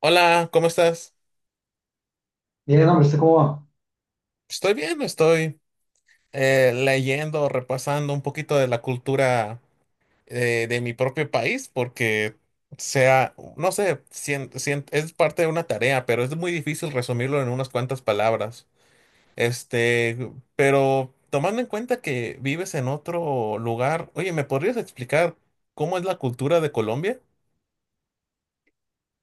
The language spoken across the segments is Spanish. Hola, ¿cómo estás? Bien, hombre, ¿usted cómo va? Estoy bien, estoy leyendo, repasando un poquito de la cultura de mi propio país, porque sea, no sé, es parte de una tarea, pero es muy difícil resumirlo en unas cuantas palabras. Pero tomando en cuenta que vives en otro lugar, oye, ¿me podrías explicar cómo es la cultura de Colombia?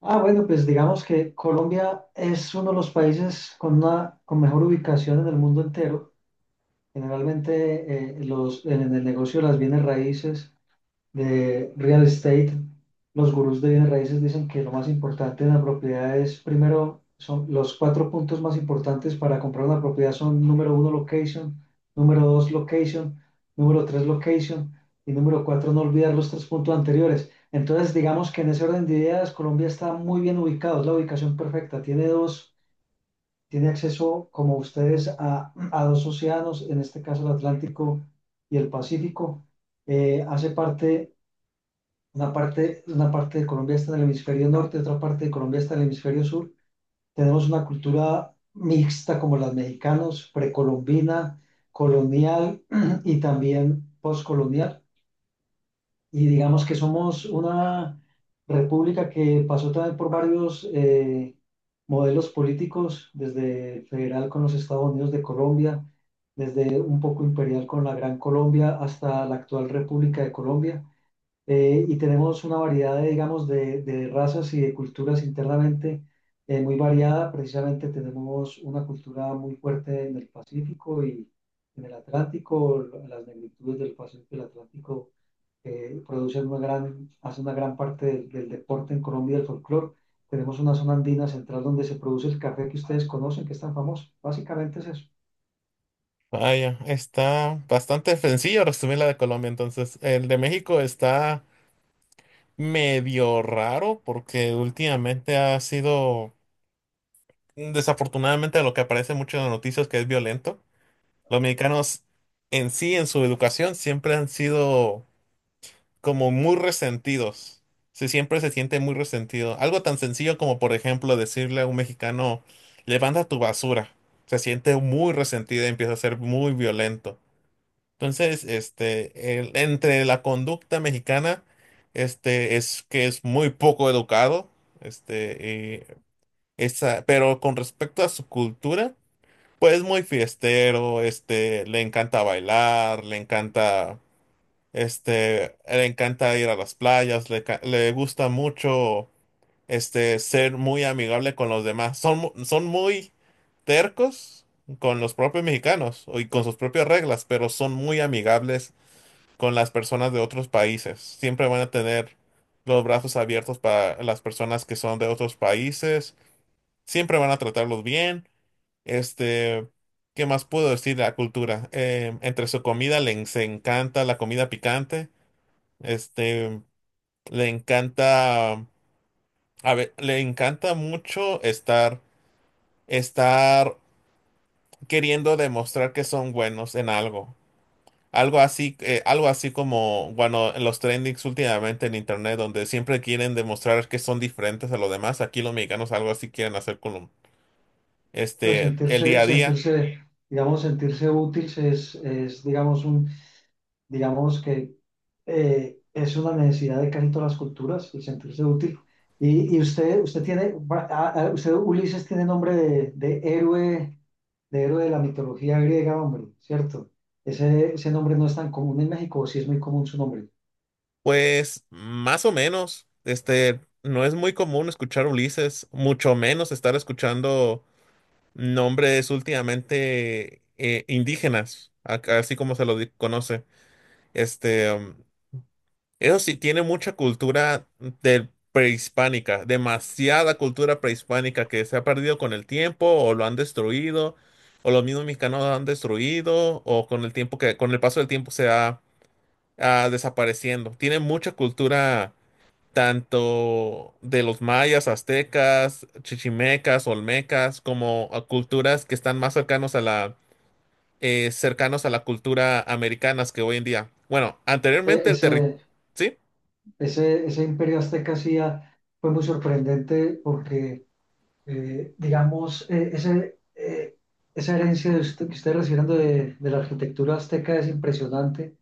Ah, bueno, pues digamos que Colombia es uno de los países con una con mejor ubicación en el mundo entero. Generalmente en el negocio de las bienes raíces de real estate, los gurús de bienes raíces dicen que lo más importante en la propiedad es, primero, son los cuatro puntos más importantes para comprar una propiedad son número uno, location, número dos, location, número tres, location y número cuatro, no olvidar los tres puntos anteriores. Entonces, digamos que en ese orden de ideas, Colombia está muy bien ubicado, es la ubicación perfecta, tiene acceso, como ustedes, a dos océanos, en este caso el Atlántico y el Pacífico. Hace parte una parte de Colombia está en el hemisferio norte, otra parte de Colombia está en el hemisferio sur. Tenemos una cultura mixta como los mexicanos, precolombina, colonial y también postcolonial. Y digamos que somos una república que pasó también por varios modelos políticos, desde federal con los Estados Unidos de Colombia, desde un poco imperial con la Gran Colombia hasta la actual República de Colombia, y tenemos una variedad de, digamos, de razas y de culturas internamente, muy variada. Precisamente tenemos una cultura muy fuerte en el Pacífico y en el Atlántico. Las negritudes del Pacífico y el Atlántico producen una gran, hacen una gran parte del deporte en Colombia y del folclore. Tenemos una zona andina central donde se produce el café que ustedes conocen, que es tan famoso. Básicamente es eso. Vaya, está bastante sencillo resumir la de Colombia, entonces. El de México está medio raro porque últimamente ha sido, desafortunadamente, lo que aparece mucho en las noticias que es violento. Los mexicanos en sí, en su educación, siempre han sido como muy resentidos. Se Siempre se siente muy resentido. Algo tan sencillo como, por ejemplo, decirle a un mexicano, levanta tu basura. Se siente muy resentido y empieza a ser muy violento. Entonces, entre la conducta mexicana, es que es muy poco educado, este, pero con respecto a su cultura, pues es muy fiestero, le encanta bailar, le encanta ir a las playas, le gusta mucho, ser muy amigable con los demás. Son muy tercos con los propios mexicanos y con sus propias reglas, pero son muy amigables con las personas de otros países. Siempre van a tener los brazos abiertos para las personas que son de otros países. Siempre van a tratarlos bien. Este, ¿qué más puedo decir de la cultura? Entre su comida les encanta la comida picante. Este, le encanta, a ver, le encanta mucho estar queriendo demostrar que son buenos en algo. Algo así como, bueno, en los trendings últimamente en internet, donde siempre quieren demostrar que son diferentes a los demás, aquí los mexicanos algo así quieren hacer Pues el día a día. sentirse, digamos, sentirse útil es digamos, un... Digamos que es una necesidad de casi todas las culturas el sentirse útil. Y usted tiene, usted, Ulises, tiene nombre de héroe, de héroe de la mitología griega, hombre, ¿cierto? Ese nombre no es tan común en México, o sí es muy común su nombre. Pues más o menos, no es muy común escuchar Ulises, mucho menos estar escuchando nombres últimamente indígenas, así como conoce. Este, um, Eso sí, tiene mucha cultura del prehispánica, demasiada cultura prehispánica que se ha perdido con el tiempo o lo han destruido, o los mismos mexicanos lo han destruido, o con el tiempo que, con el paso del tiempo se ha desapareciendo. Tiene mucha cultura tanto de los mayas, aztecas, chichimecas, olmecas, como a culturas que están más cercanos a la cultura americanas que hoy en día. Bueno, Ese, anteriormente el ese, territorio. Ese imperio azteca sí fue muy sorprendente porque digamos, esa herencia de que ustedes recibieron de la arquitectura azteca es impresionante.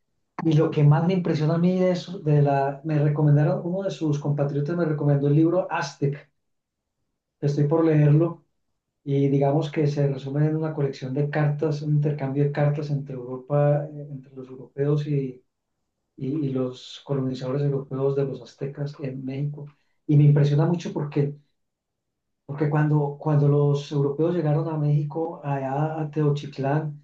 Y lo que más me impresiona a mí de eso, de la, me recomendaron, uno de sus compatriotas me recomendó el libro Aztec, estoy por leerlo, y digamos que se resume en una colección de cartas, un intercambio de cartas entre Europa, entre los europeos y, y los colonizadores europeos de los aztecas en México. Y me impresiona mucho porque cuando los europeos llegaron a México, allá a Teochitlán,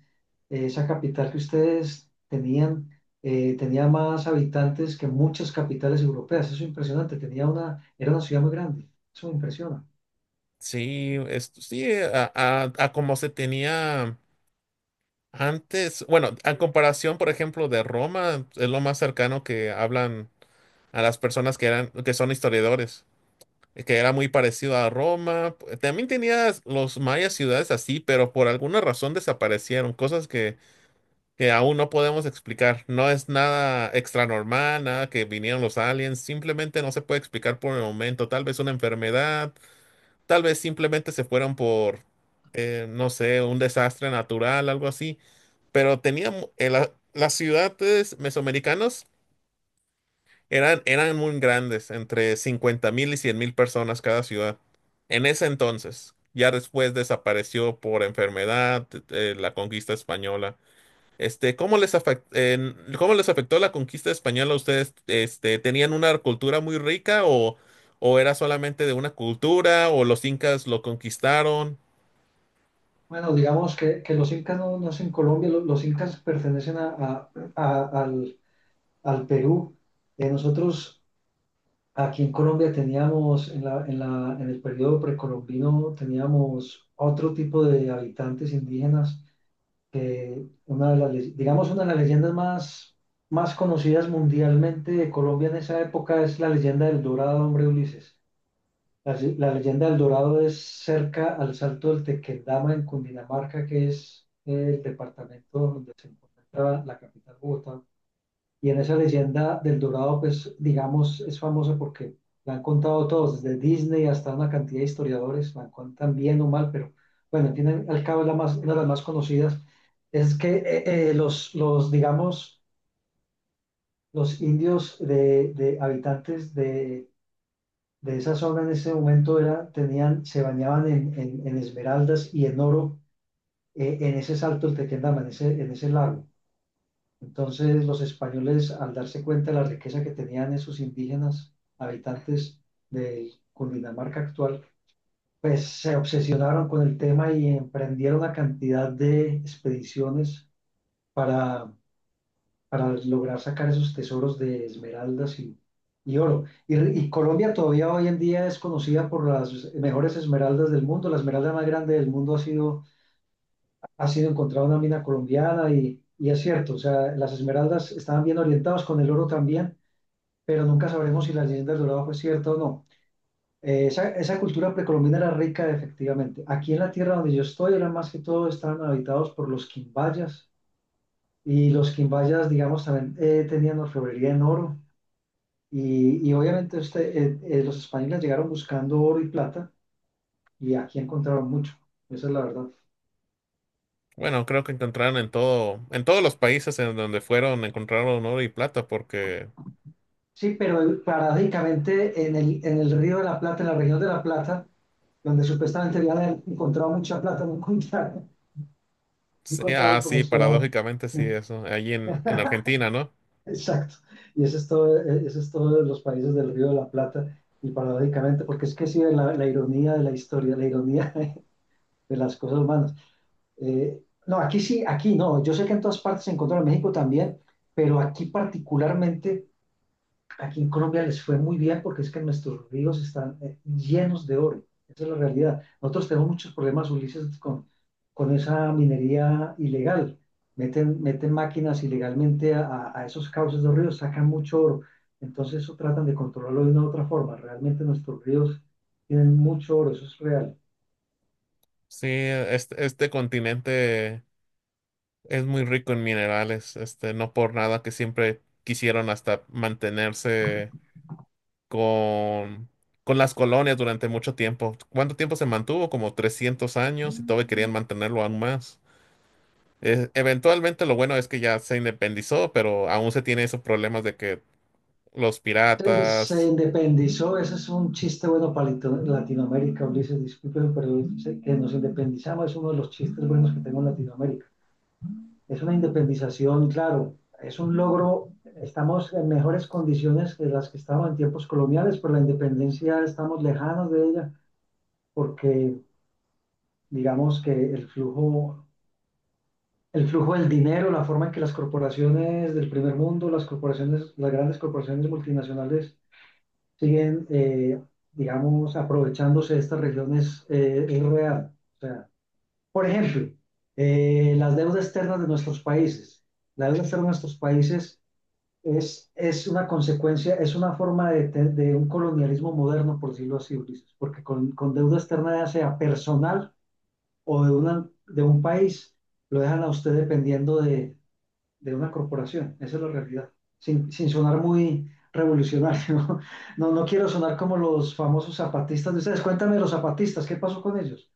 esa capital que ustedes tenían, tenía más habitantes que muchas capitales europeas. Eso es impresionante. Era una ciudad muy grande. Eso me impresiona. Sí, esto sí, a como se tenía antes, bueno, en comparación, por ejemplo, de Roma, es lo más cercano que hablan a las personas que eran, que son historiadores, que era muy parecido a Roma. También tenías los mayas ciudades así, pero por alguna razón desaparecieron, cosas que aún no podemos explicar. No es nada extra normal, nada que vinieron los aliens, simplemente no se puede explicar por el momento, tal vez una enfermedad. Tal vez simplemente se fueron por, no sé, un desastre natural, algo así. Pero tenía, eh, las ciudades mesoamericanas eran muy grandes, entre 50 mil y 100 mil personas cada ciudad. En ese entonces, ya después desapareció por enfermedad, la conquista española. ¿Cómo les cómo les afectó la conquista española a ustedes? ¿Tenían una cultura muy rica o era solamente de una cultura o los incas lo conquistaron? Bueno, digamos que los incas no es en Colombia, incas pertenecen a, al, al Perú. Nosotros aquí en Colombia teníamos, en el periodo precolombino, teníamos otro tipo de habitantes indígenas, una de digamos, una de las leyendas más, más conocidas mundialmente de Colombia en esa época es la leyenda del Dorado, hombre Ulises. La leyenda del Dorado es cerca al Salto del Tequendama en Cundinamarca, que es el departamento donde se encuentra la capital Bogotá. Y en esa leyenda del Dorado, pues digamos, es famosa porque la han contado todos, desde Disney hasta una cantidad de historiadores, la cuentan bien o mal, pero bueno, al fin y al cabo es la más, una de las más conocidas. Es que digamos, los indios de habitantes de esa zona en ese momento era, tenían, se bañaban en esmeraldas y en oro, en ese salto, el Tequendama, en en ese lago. Entonces los españoles, al darse cuenta de la riqueza que tenían esos indígenas habitantes de Cundinamarca actual, pues se obsesionaron con el tema y emprendieron una cantidad de expediciones para, para lograr sacar esos tesoros de esmeraldas y oro. Y Colombia todavía hoy en día es conocida por las mejores esmeraldas del mundo. La esmeralda más grande del mundo ha sido encontrada una mina colombiana y es cierto, o sea, las esmeraldas estaban bien orientadas con el oro también, pero nunca sabremos si la leyenda del dorado fue cierta o no. Esa cultura precolombina era rica efectivamente. Aquí en la tierra donde yo estoy, eran más que todo, estaban habitados por los quimbayas y los quimbayas, digamos, también tenían orfebrería en oro. Y obviamente este, los españoles llegaron buscando oro y plata y aquí encontraron mucho. Esa es la verdad. Bueno, creo que encontraron en todo, en todos los países en donde fueron, encontraron oro y plata, porque Sí, pero paradójicamente en el Río de la Plata, en la región de La Plata, donde supuestamente habían encontrado mucha plata, no encontraron, no sí, encontraron como sí, esperaban. paradójicamente sí, eso, allí en Argentina, ¿no? Exacto. Y eso es todo de los países del Río de la Plata. Y paradójicamente, porque es que sí, la ironía de la historia, la ironía de las cosas humanas. No, aquí sí, aquí no. Yo sé que en todas partes se encontró en México también, pero aquí particularmente aquí en Colombia les fue muy bien porque es que nuestros ríos están llenos de oro. Esa es la realidad. Nosotros tenemos muchos problemas, Ulises, con esa minería ilegal. Meten máquinas ilegalmente a esos cauces de los ríos, sacan mucho oro. Entonces eso tratan de controlarlo de una u otra forma. Realmente nuestros ríos tienen mucho oro, eso es real. Sí, este continente es muy rico en minerales, no por nada que siempre quisieron hasta mantenerse con, con las colonias durante mucho tiempo. ¿Cuánto tiempo se mantuvo? Como 300 años y todavía querían mantenerlo aún más. Eventualmente lo bueno es que ya se independizó, pero aún se tiene esos problemas de que los Entonces, se piratas. independizó, ese es un chiste bueno para Latinoamérica, Ulises, disculpen, pero que nos independizamos es uno de los chistes buenos que tengo en Latinoamérica. Es una independización, claro, es un logro, estamos en mejores condiciones que las que estaban en tiempos coloniales, pero la independencia estamos lejanos de ella porque digamos que el flujo del dinero, la forma en que las corporaciones del primer mundo, las corporaciones, las grandes corporaciones multinacionales siguen, digamos, aprovechándose de estas regiones, es real. O sea, por ejemplo, las deudas externas de nuestros países. La deuda externa de nuestros países es una consecuencia, es una forma de, de un colonialismo moderno, por decirlo así, Ulises, porque con deuda externa, ya sea personal o de un país, lo dejan a usted dependiendo de una corporación. Esa es la realidad, sin, sin sonar muy revolucionario. No, no quiero sonar como los famosos zapatistas de ustedes. Cuéntame los zapatistas, ¿qué pasó con ellos?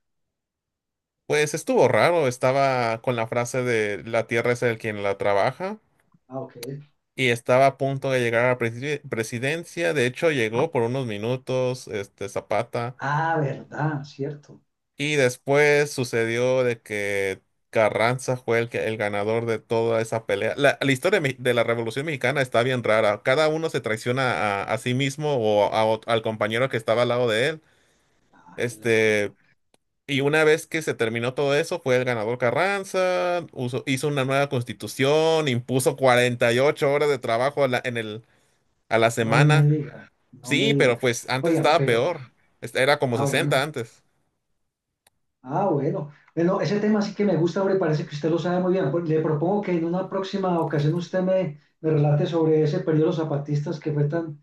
Pues estuvo raro, estaba con la frase de la tierra es el quien la trabaja Ah, ok. y estaba a punto de llegar a la presidencia, de hecho llegó por unos minutos, este Zapata, Ah, verdad, cierto. y después sucedió de que Carranza fue el ganador de toda esa pelea. La historia de la Revolución Mexicana está bien rara, cada uno se traiciona a sí mismo o al compañero que estaba al lado de él. Ah, qué lástima. Este, Y una vez que se terminó todo eso, fue el ganador Carranza, hizo una nueva constitución, impuso 48 horas de trabajo a la No me semana. diga, no me Sí, diga. pero pues antes Oiga, estaba pero, peor. Era como ah, 60 bueno. antes. Ah, bueno. Bueno, ese tema sí que me gusta, hombre, parece que usted lo sabe muy bien. Pues, le propongo que en una próxima ocasión usted me relate sobre ese periodo de los zapatistas que fue tan,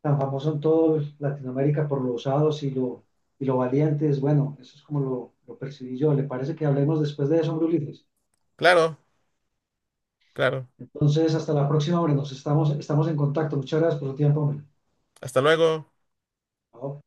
tan famoso en toda Latinoamérica por los osados y y lo valientes. Bueno, eso es como lo percibí yo. ¿Le parece que hablemos después de eso, hombre, Ulises? Claro, claro. Entonces, hasta la próxima, hombre, nos estamos en contacto. Muchas gracias por su tiempo, hombre. Hasta luego. Chao.